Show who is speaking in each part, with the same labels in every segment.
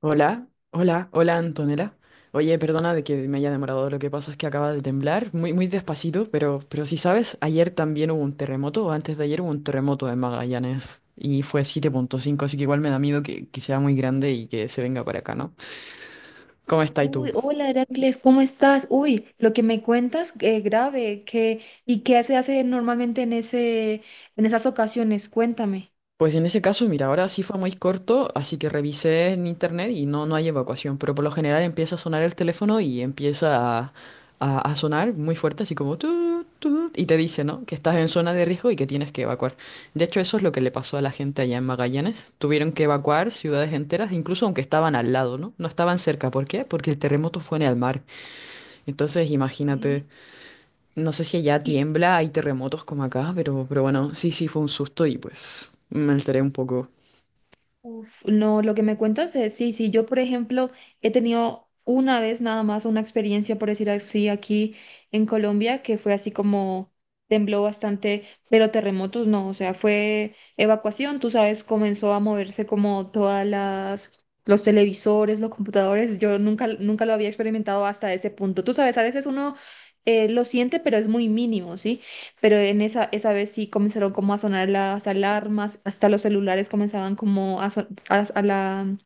Speaker 1: Hola, hola, hola Antonella. Oye, perdona de que me haya demorado, lo que pasa es que acaba de temblar, muy, muy despacito, pero si sabes, ayer también hubo un terremoto, o antes de ayer hubo un terremoto en Magallanes y fue 7,5, así que igual me da miedo que sea muy grande y que se venga para acá, ¿no? ¿Cómo estás tú?
Speaker 2: Uy, hola Heracles, ¿cómo estás? Uy, lo que me cuentas, grave, ¿y qué se hace normalmente en esas ocasiones? Cuéntame.
Speaker 1: Pues en ese caso, mira, ahora sí fue muy corto, así que revisé en internet y no hay evacuación, pero por lo general empieza a sonar el teléfono y empieza a sonar muy fuerte, así como y te dice, ¿no? Que estás en zona de riesgo y que tienes que evacuar. De hecho, eso es lo que le pasó a la gente allá en Magallanes. Tuvieron que evacuar ciudades enteras, incluso aunque estaban al lado, ¿no? No estaban cerca. ¿Por qué? Porque el terremoto fue en el mar. Entonces,
Speaker 2: ¿Eh?
Speaker 1: imagínate, no sé si allá
Speaker 2: Y,
Speaker 1: tiembla, hay terremotos como acá, pero bueno, sí, sí, fue un susto y pues me alteré un poco.
Speaker 2: Uf, no, lo que me cuentas es, sí, sí, yo por ejemplo he tenido una vez nada más una experiencia, por decir así, aquí en Colombia, que fue así como tembló bastante, pero terremotos no, o sea, fue evacuación, tú sabes, comenzó a moverse como los televisores, los computadores, yo nunca, nunca lo había experimentado hasta ese punto, tú sabes, a veces uno lo siente, pero es muy mínimo, ¿sí? Pero en esa vez sí comenzaron como a sonar las alarmas, hasta los celulares comenzaban como a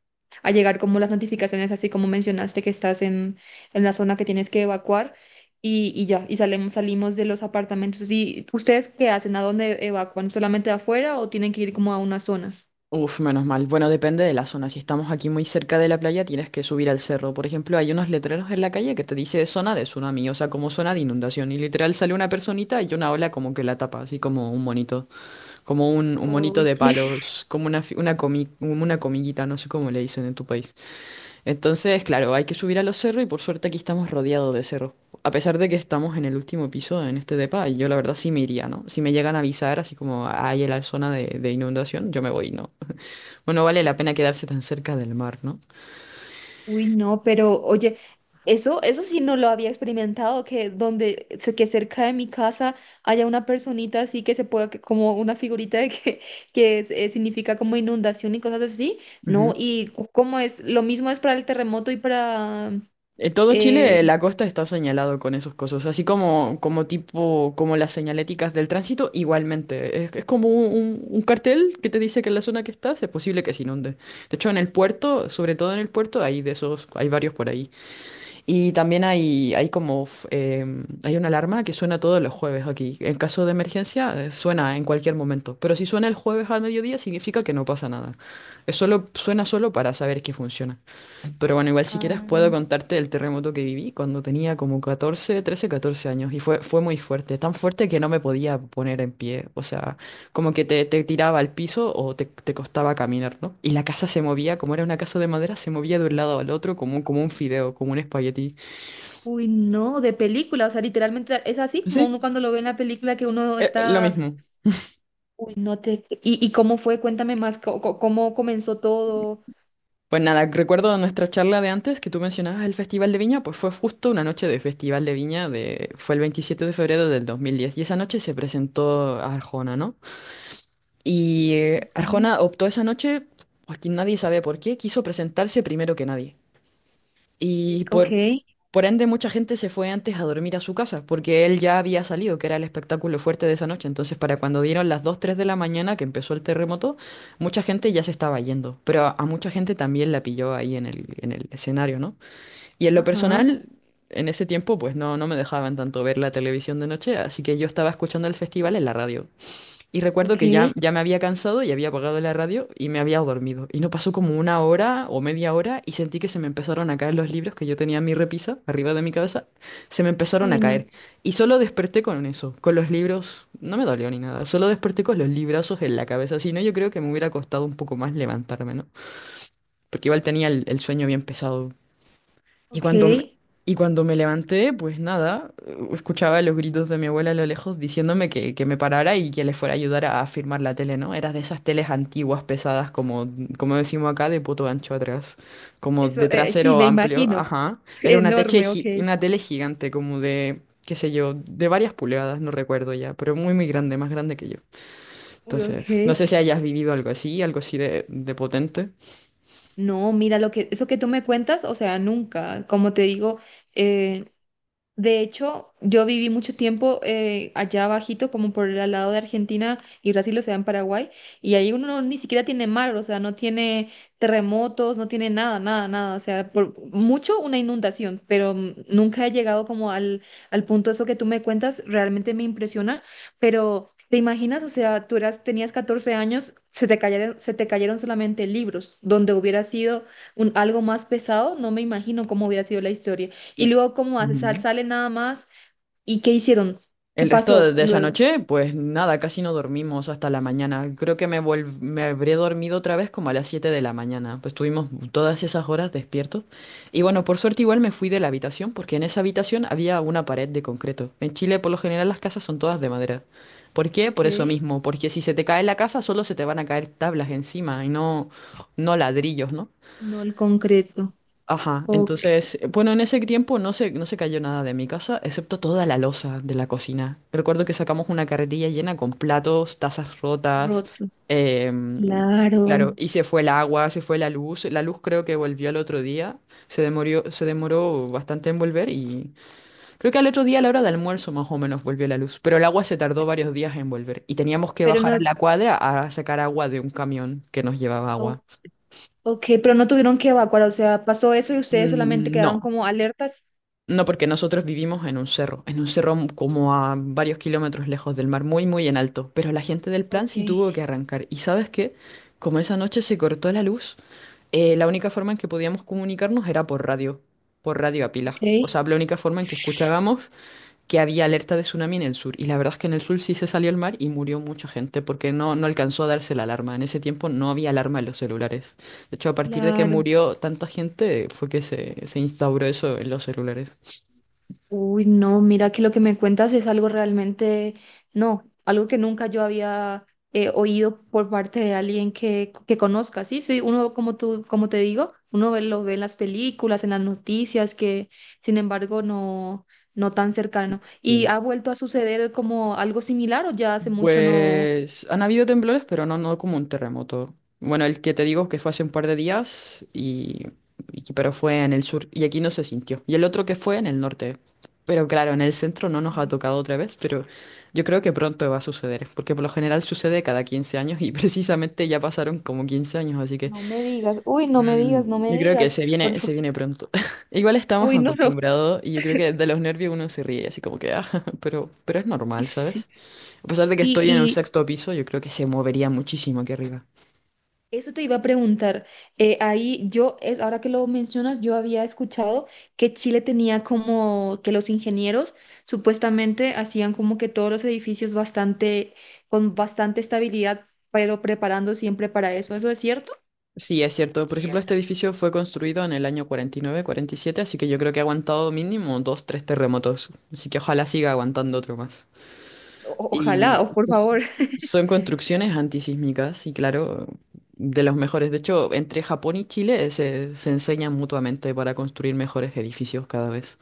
Speaker 2: a llegar como las notificaciones, así como mencionaste que estás en, la zona que tienes que evacuar y ya, y salimos de los apartamentos. ¿Y ustedes qué hacen? ¿A dónde evacúan? ¿Solamente afuera o tienen que ir como a una zona?
Speaker 1: Uf, menos mal. Bueno, depende de la zona. Si estamos aquí muy cerca de la playa, tienes que subir al cerro. Por ejemplo, hay unos letreros en la calle que te dice zona de tsunami, o sea, como zona de inundación. Y literal sale una personita y una ola como que la tapa, así como un monito, como un monito de
Speaker 2: Oye,
Speaker 1: palos, como una comiguita, no sé cómo le dicen en tu país. Entonces, claro, hay que subir a los cerros y por suerte aquí estamos rodeados de cerros. A pesar de que estamos en el último piso en este depa, y yo la verdad sí me iría, ¿no? Si me llegan a avisar, así como hay en la zona de inundación, yo me voy, ¿no? Bueno, vale la pena quedarse tan cerca del mar, ¿no?
Speaker 2: uy, no, pero oye, eso sí no lo había experimentado, que cerca de mi casa haya una personita así que se pueda, como una figurita significa como inundación y cosas así, ¿no?
Speaker 1: Ujú.
Speaker 2: Y lo mismo es para el terremoto y para.
Speaker 1: En todo
Speaker 2: eh,
Speaker 1: Chile, la costa está señalado con esos cosas, así como tipo, como las señaléticas del tránsito, igualmente. Es como un cartel que te dice que en la zona que estás es posible que se inunde. De hecho, en el puerto, sobre todo en el puerto, hay de esos, hay varios por ahí. Y también hay como f- em, hay una alarma que suena todos los jueves aquí. En caso de emergencia, suena en cualquier momento. Pero si suena el jueves al mediodía, significa que no pasa nada. Es solo, suena solo para saber que funciona. Pero bueno, igual si quieres puedo
Speaker 2: ah,
Speaker 1: contarte el terremoto que viví cuando tenía como 14, 13, 14 años. Y fue muy fuerte. Tan fuerte que no me podía poner en pie. O sea, como que te tiraba al piso o te costaba caminar, ¿no? Y la casa se movía, como era una casa de madera, se movía de un lado al otro como un fideo, como un espagueti.
Speaker 2: Uy, no, de película, o sea, literalmente es así como uno
Speaker 1: Sí,
Speaker 2: cuando lo ve en la película que uno
Speaker 1: lo
Speaker 2: está.
Speaker 1: mismo.
Speaker 2: Uy, no te, y cómo fue, cuéntame más, cómo comenzó todo.
Speaker 1: Pues nada, recuerdo nuestra charla de antes que tú mencionabas el Festival de Viña, pues fue justo una noche de Festival de Viña, fue el 27 de febrero de 2010 y esa noche se presentó Arjona, ¿no? Y
Speaker 2: Ok.
Speaker 1: Arjona optó esa noche, aquí nadie sabe por qué, quiso presentarse primero que nadie. Y
Speaker 2: Ok.
Speaker 1: por ende mucha gente se fue antes a dormir a su casa, porque él ya había salido, que era el espectáculo fuerte de esa noche. Entonces, para cuando dieron las 2 3 de la mañana que empezó el terremoto, mucha gente ya se estaba yendo, pero a mucha gente también la pilló ahí en el escenario, ¿no? Y en lo
Speaker 2: Ajá.
Speaker 1: personal, en ese tiempo, pues no me dejaban tanto ver la televisión de noche, así que yo estaba escuchando el festival en la radio. Y recuerdo que ya,
Speaker 2: Ok,
Speaker 1: ya me había cansado y había apagado la radio y me había dormido. Y no pasó como una hora o media hora y sentí que se me empezaron a caer los libros que yo tenía en mi repisa, arriba de mi cabeza, se me empezaron a
Speaker 2: uy, no.
Speaker 1: caer. Y solo desperté con eso, con los libros, no me dolió ni nada, solo desperté con los librazos en la cabeza. Si no, yo creo que me hubiera costado un poco más levantarme, ¿no? Porque igual tenía el sueño bien pesado. Y
Speaker 2: Ok,
Speaker 1: cuando me, y cuando me levanté, pues nada, escuchaba los gritos de mi abuela a lo lejos diciéndome que me parara y que le fuera a ayudar a firmar la tele, ¿no? Era de esas teles antiguas, pesadas, como decimos acá, de poto ancho atrás, como de
Speaker 2: eso, sí,
Speaker 1: trasero
Speaker 2: me
Speaker 1: amplio,
Speaker 2: imagino.
Speaker 1: ajá. Era
Speaker 2: Enorme, ok.
Speaker 1: una tele gigante, como de, qué sé yo, de varias pulgadas, no recuerdo ya, pero muy, muy grande, más grande que yo.
Speaker 2: Uy, ok.
Speaker 1: Entonces, no sé si hayas vivido algo así de potente.
Speaker 2: No, mira, eso que tú me cuentas, o sea, nunca, como te digo. Eh, De hecho, yo viví mucho tiempo allá abajito, como por el al lado de Argentina y Brasil, o sea, en Paraguay, y ahí uno ni siquiera tiene mar, o sea, no tiene terremotos, no tiene nada, nada, nada, o sea, por mucho una inundación, pero nunca he llegado como al punto eso que tú me cuentas, realmente me impresiona, pero ¿te imaginas? O sea, tenías 14 años, se te cayeron solamente libros, donde hubiera sido algo más pesado, no me imagino cómo hubiera sido la historia. Y luego, ¿cómo hace? Sal-
Speaker 1: Ujú.
Speaker 2: sale nada más. ¿Y qué hicieron? ¿Qué
Speaker 1: El resto de
Speaker 2: pasó
Speaker 1: de esa
Speaker 2: luego?
Speaker 1: noche, pues nada, casi no dormimos hasta la mañana. Creo que me habré dormido otra vez como a las 7 de la mañana. Pues estuvimos todas esas horas despiertos. Y bueno, por suerte igual me fui de la habitación porque en esa habitación había una pared de concreto. En Chile por lo general las casas son todas de madera. ¿Por qué?
Speaker 2: Ok,
Speaker 1: Por eso mismo, porque si se te cae la casa solo se te van a caer tablas encima y no ladrillos, ¿no?
Speaker 2: no el concreto.
Speaker 1: Ajá,
Speaker 2: Ok,
Speaker 1: entonces, bueno, en ese tiempo no se cayó nada de mi casa, excepto toda la loza de la cocina. Recuerdo que sacamos una carretilla llena con platos, tazas rotas,
Speaker 2: rotos.
Speaker 1: em, y
Speaker 2: Claro.
Speaker 1: claro, y se fue el agua, se fue la luz. La luz creo que volvió al otro día, se demoró bastante en volver y creo que al otro día a la hora de almuerzo más o menos volvió la luz, pero el agua se tardó
Speaker 2: Pe-
Speaker 1: varios días en volver y teníamos que
Speaker 2: Pero
Speaker 1: bajar a
Speaker 2: no,
Speaker 1: la cuadra a sacar agua de un camión que nos llevaba agua.
Speaker 2: o- ok, pero no tuvieron que evacuar, o sea, pasó eso y ustedes solamente
Speaker 1: Mm,
Speaker 2: quedaron
Speaker 1: no,
Speaker 2: como alertas.
Speaker 1: no, porque nosotros vivimos en un cerro, como a varios kilómetros lejos del mar, muy, muy en alto. Pero la gente del plan
Speaker 2: Ok,
Speaker 1: sí tuvo que arrancar. ¿Y sabes qué? Como esa noche se cortó la luz, la única forma en que podíamos comunicarnos era por radio a pila.
Speaker 2: ok,
Speaker 1: O sea, la única forma en que escuchábamos que había alerta de tsunami en el sur. Y la verdad es que en el sur sí se salió el mar y murió mucha gente porque no alcanzó a darse la alarma. En ese tiempo no había alarma en los celulares. De hecho, a partir de que
Speaker 2: claro.
Speaker 1: murió tanta gente fue que se instauró eso en los celulares.
Speaker 2: Uy, no, mira que lo que me cuentas es algo realmente, no, algo que nunca yo había oído por parte de alguien que conozca, ¿sí? Sí, uno, como tú, como te digo, uno lo ve en las películas, en las noticias, que sin embargo no tan cercano. ¿Y
Speaker 1: Sí.
Speaker 2: ha vuelto a suceder como algo similar o ya hace mucho no?
Speaker 1: Pues han habido temblores, pero no como un terremoto. Bueno, el que te digo que fue hace un par de días, pero fue en el sur y aquí no se sintió. Y el otro que fue en el norte. Pero claro, en el centro no nos ha tocado otra vez, pero yo creo que pronto va a suceder, porque por lo general sucede cada 15 años y precisamente ya pasaron como 15 años, así que
Speaker 2: No me digas, uy, no me digas, no
Speaker 1: mm,
Speaker 2: me
Speaker 1: yo creo que
Speaker 2: digas,
Speaker 1: se
Speaker 2: por
Speaker 1: viene, se
Speaker 2: favor,
Speaker 1: viene pronto. Igual estamos
Speaker 2: uy, no, no.
Speaker 1: acostumbrados y yo creo que de los nervios uno se ríe, así como que, ah, pero es normal,
Speaker 2: Sí,
Speaker 1: ¿sabes? A pesar de que estoy en un
Speaker 2: Sí,
Speaker 1: sexto piso, yo creo que se movería muchísimo aquí arriba.
Speaker 2: eso te iba a preguntar. Ahora que lo mencionas, yo había escuchado que Chile tenía como que los ingenieros supuestamente hacían como que todos los edificios con bastante estabilidad, pero preparando siempre para eso. ¿Eso es cierto?
Speaker 1: Sí, es cierto. Por ejemplo, este edificio fue construido en el año 49-47, así que yo creo que ha aguantado mínimo dos, tres terremotos. Así que ojalá siga aguantando otro más.
Speaker 2: Ojalá,
Speaker 1: Y
Speaker 2: o por
Speaker 1: pues,
Speaker 2: favor.
Speaker 1: son construcciones antisísmicas y claro, de los mejores. De hecho, entre Japón y Chile se enseñan mutuamente para construir mejores edificios cada vez.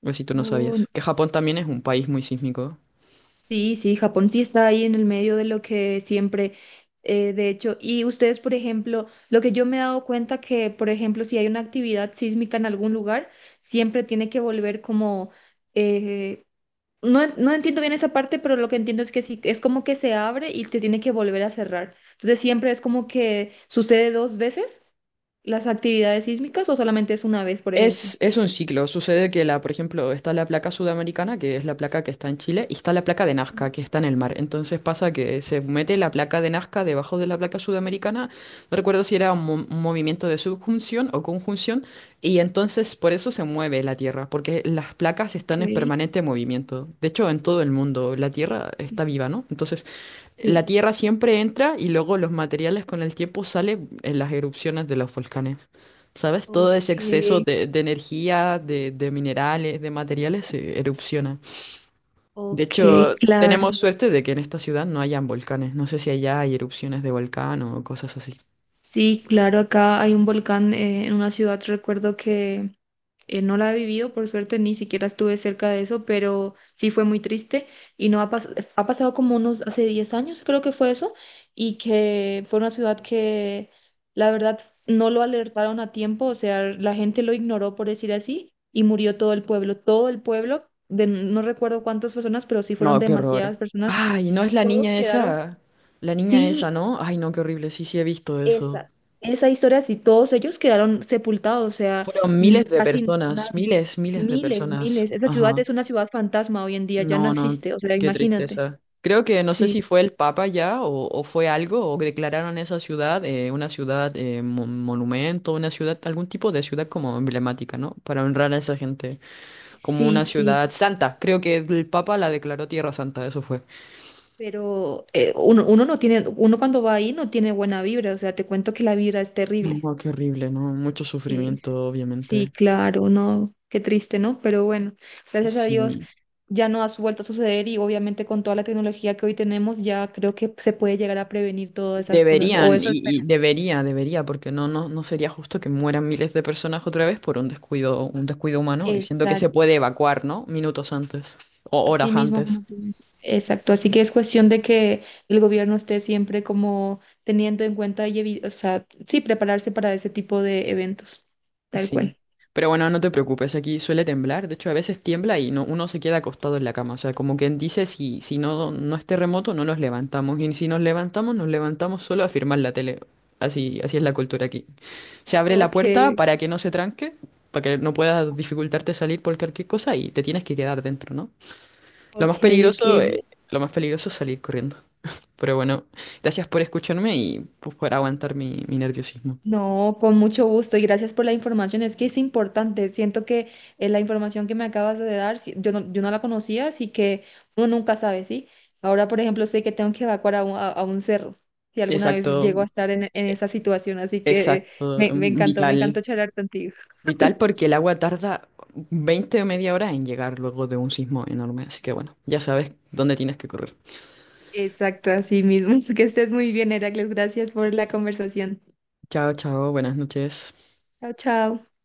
Speaker 1: Pues si tú no
Speaker 2: Oh,
Speaker 1: sabías. Que Japón también es un país muy sísmico.
Speaker 2: sí, sí, Japón sí está ahí en el medio de lo que siempre, de hecho, y ustedes, por ejemplo, lo que yo me he dado cuenta que, por ejemplo, si hay una actividad sísmica en algún lugar, siempre tiene que volver como, eh, no, no entiendo bien esa parte, pero lo que entiendo es que sí, es como que se abre y te tiene que volver a cerrar. Entonces siempre es como que sucede dos veces las actividades sísmicas o solamente es una vez, por
Speaker 1: Es,
Speaker 2: ejemplo.
Speaker 1: es un ciclo. Sucede que por ejemplo, está la placa sudamericana, que es la placa que está en Chile, y está la placa de Nazca, que está en el mar. Entonces pasa que se mete la placa de Nazca debajo de la placa sudamericana. No recuerdo si era un movimiento de subjunción o conjunción, y entonces por eso se mueve la Tierra, porque las placas
Speaker 2: Ok,
Speaker 1: están en permanente movimiento. De hecho, en todo el mundo la Tierra
Speaker 2: sí,
Speaker 1: está viva, ¿no? Entonces, la
Speaker 2: sí.
Speaker 1: Tierra siempre entra y luego los materiales con el tiempo salen en las erupciones de los volcanes. ¿Sabes? Todo ese
Speaker 2: Ok,
Speaker 1: exceso de energía, de minerales, de materiales se erupciona. De
Speaker 2: ok,
Speaker 1: hecho,
Speaker 2: claro.
Speaker 1: tenemos suerte de que en esta ciudad no hayan volcanes. No sé si allá hay erupciones de volcán o cosas así.
Speaker 2: Sí, claro, acá hay un volcán, en una ciudad, recuerdo que no la he vivido, por suerte ni siquiera estuve cerca de eso, pero sí fue muy triste y no ha, ha pasado como unos, hace 10 años creo que fue eso, y que fue una ciudad que la verdad no lo alertaron a tiempo, o sea, la gente lo ignoró por decir así y murió todo el pueblo, no recuerdo cuántas personas, pero sí fueron
Speaker 1: No, qué horror.
Speaker 2: demasiadas personas,
Speaker 1: Ay, no es la
Speaker 2: todos
Speaker 1: niña
Speaker 2: quedaron,
Speaker 1: esa. La niña esa,
Speaker 2: sí,
Speaker 1: ¿no? Ay, no, qué horrible. Sí, sí, he visto eso.
Speaker 2: esa, esa historia, si todos ellos quedaron sepultados, o sea,
Speaker 1: Fueron miles de
Speaker 2: casi
Speaker 1: personas,
Speaker 2: nadie,
Speaker 1: miles, miles de
Speaker 2: miles,
Speaker 1: personas.
Speaker 2: miles. Esa ciudad
Speaker 1: Ajá.
Speaker 2: es una ciudad fantasma hoy en día, ya no
Speaker 1: No, no,
Speaker 2: existe, o sea,
Speaker 1: qué
Speaker 2: imagínate.
Speaker 1: tristeza. Creo que no sé si
Speaker 2: Sí,
Speaker 1: fue el Papa ya o fue algo, o declararon esa ciudad una ciudad monumento, una ciudad, algún tipo de ciudad como emblemática, ¿no? Para honrar a esa gente, como
Speaker 2: sí,
Speaker 1: una
Speaker 2: sí,
Speaker 1: ciudad santa. Creo que el Papa la declaró Tierra Santa, eso fue.
Speaker 2: pero uno no tiene, uno cuando va ahí no tiene buena vibra, o sea, te cuento que la vibra es terrible.
Speaker 1: No, qué horrible, ¿no? Mucho
Speaker 2: Sí,
Speaker 1: sufrimiento,
Speaker 2: sí,
Speaker 1: obviamente.
Speaker 2: claro, no, qué triste, ¿no? Pero bueno, gracias a Dios
Speaker 1: Sí.
Speaker 2: ya no ha vuelto a suceder y obviamente con toda la tecnología que hoy tenemos ya creo que se puede llegar a prevenir todas esas cosas, o
Speaker 1: Deberían,
Speaker 2: eso es.
Speaker 1: debería, debería, porque no sería justo que mueran miles de personas otra vez por un descuido humano, y siento que se
Speaker 2: Exacto,
Speaker 1: puede evacuar, ¿no? Minutos antes o
Speaker 2: así
Speaker 1: horas
Speaker 2: mismo
Speaker 1: antes.
Speaker 2: como tú dices. Exacto, así que es cuestión de que el gobierno esté siempre como teniendo en cuenta o sea, sí, prepararse para ese tipo de eventos, tal
Speaker 1: Sí.
Speaker 2: cual.
Speaker 1: Pero bueno, no te preocupes, aquí suele temblar, de hecho a veces tiembla y no, uno se queda acostado en la cama, o sea, como quien dice, si no, es terremoto, no nos levantamos, y si nos levantamos, nos levantamos solo a firmar la tele. Así, así es la cultura aquí. Se abre la
Speaker 2: Ok,
Speaker 1: puerta para que no se tranque, para que no pueda dificultarte salir por cualquier cosa y te tienes que quedar dentro, ¿no? Lo
Speaker 2: ok,
Speaker 1: más
Speaker 2: ok,
Speaker 1: peligroso, eh,
Speaker 2: bien.
Speaker 1: lo más peligroso es salir corriendo. Pero bueno, gracias por escucharme y pues, por aguantar mi nerviosismo.
Speaker 2: No, con mucho gusto y gracias por la información. Es que es importante. Siento que la información que me acabas de dar, sí, yo no la conocía, así que uno nunca sabe, ¿sí? Ahora, por ejemplo, sé que tengo que evacuar a un cerro, si alguna vez
Speaker 1: Exacto,
Speaker 2: llego a estar en, esa situación, así que
Speaker 1: exacto,
Speaker 2: me encantó, me
Speaker 1: vital.
Speaker 2: encantó charlar contigo.
Speaker 1: Vital porque el agua tarda 20 o media hora en llegar luego de un sismo enorme. Así que bueno, ya sabes dónde tienes que correr.
Speaker 2: Exacto, así mismo. Que estés muy bien, Heracles. Gracias por la conversación.
Speaker 1: Chao, chao, buenas noches.
Speaker 2: Chao, chao.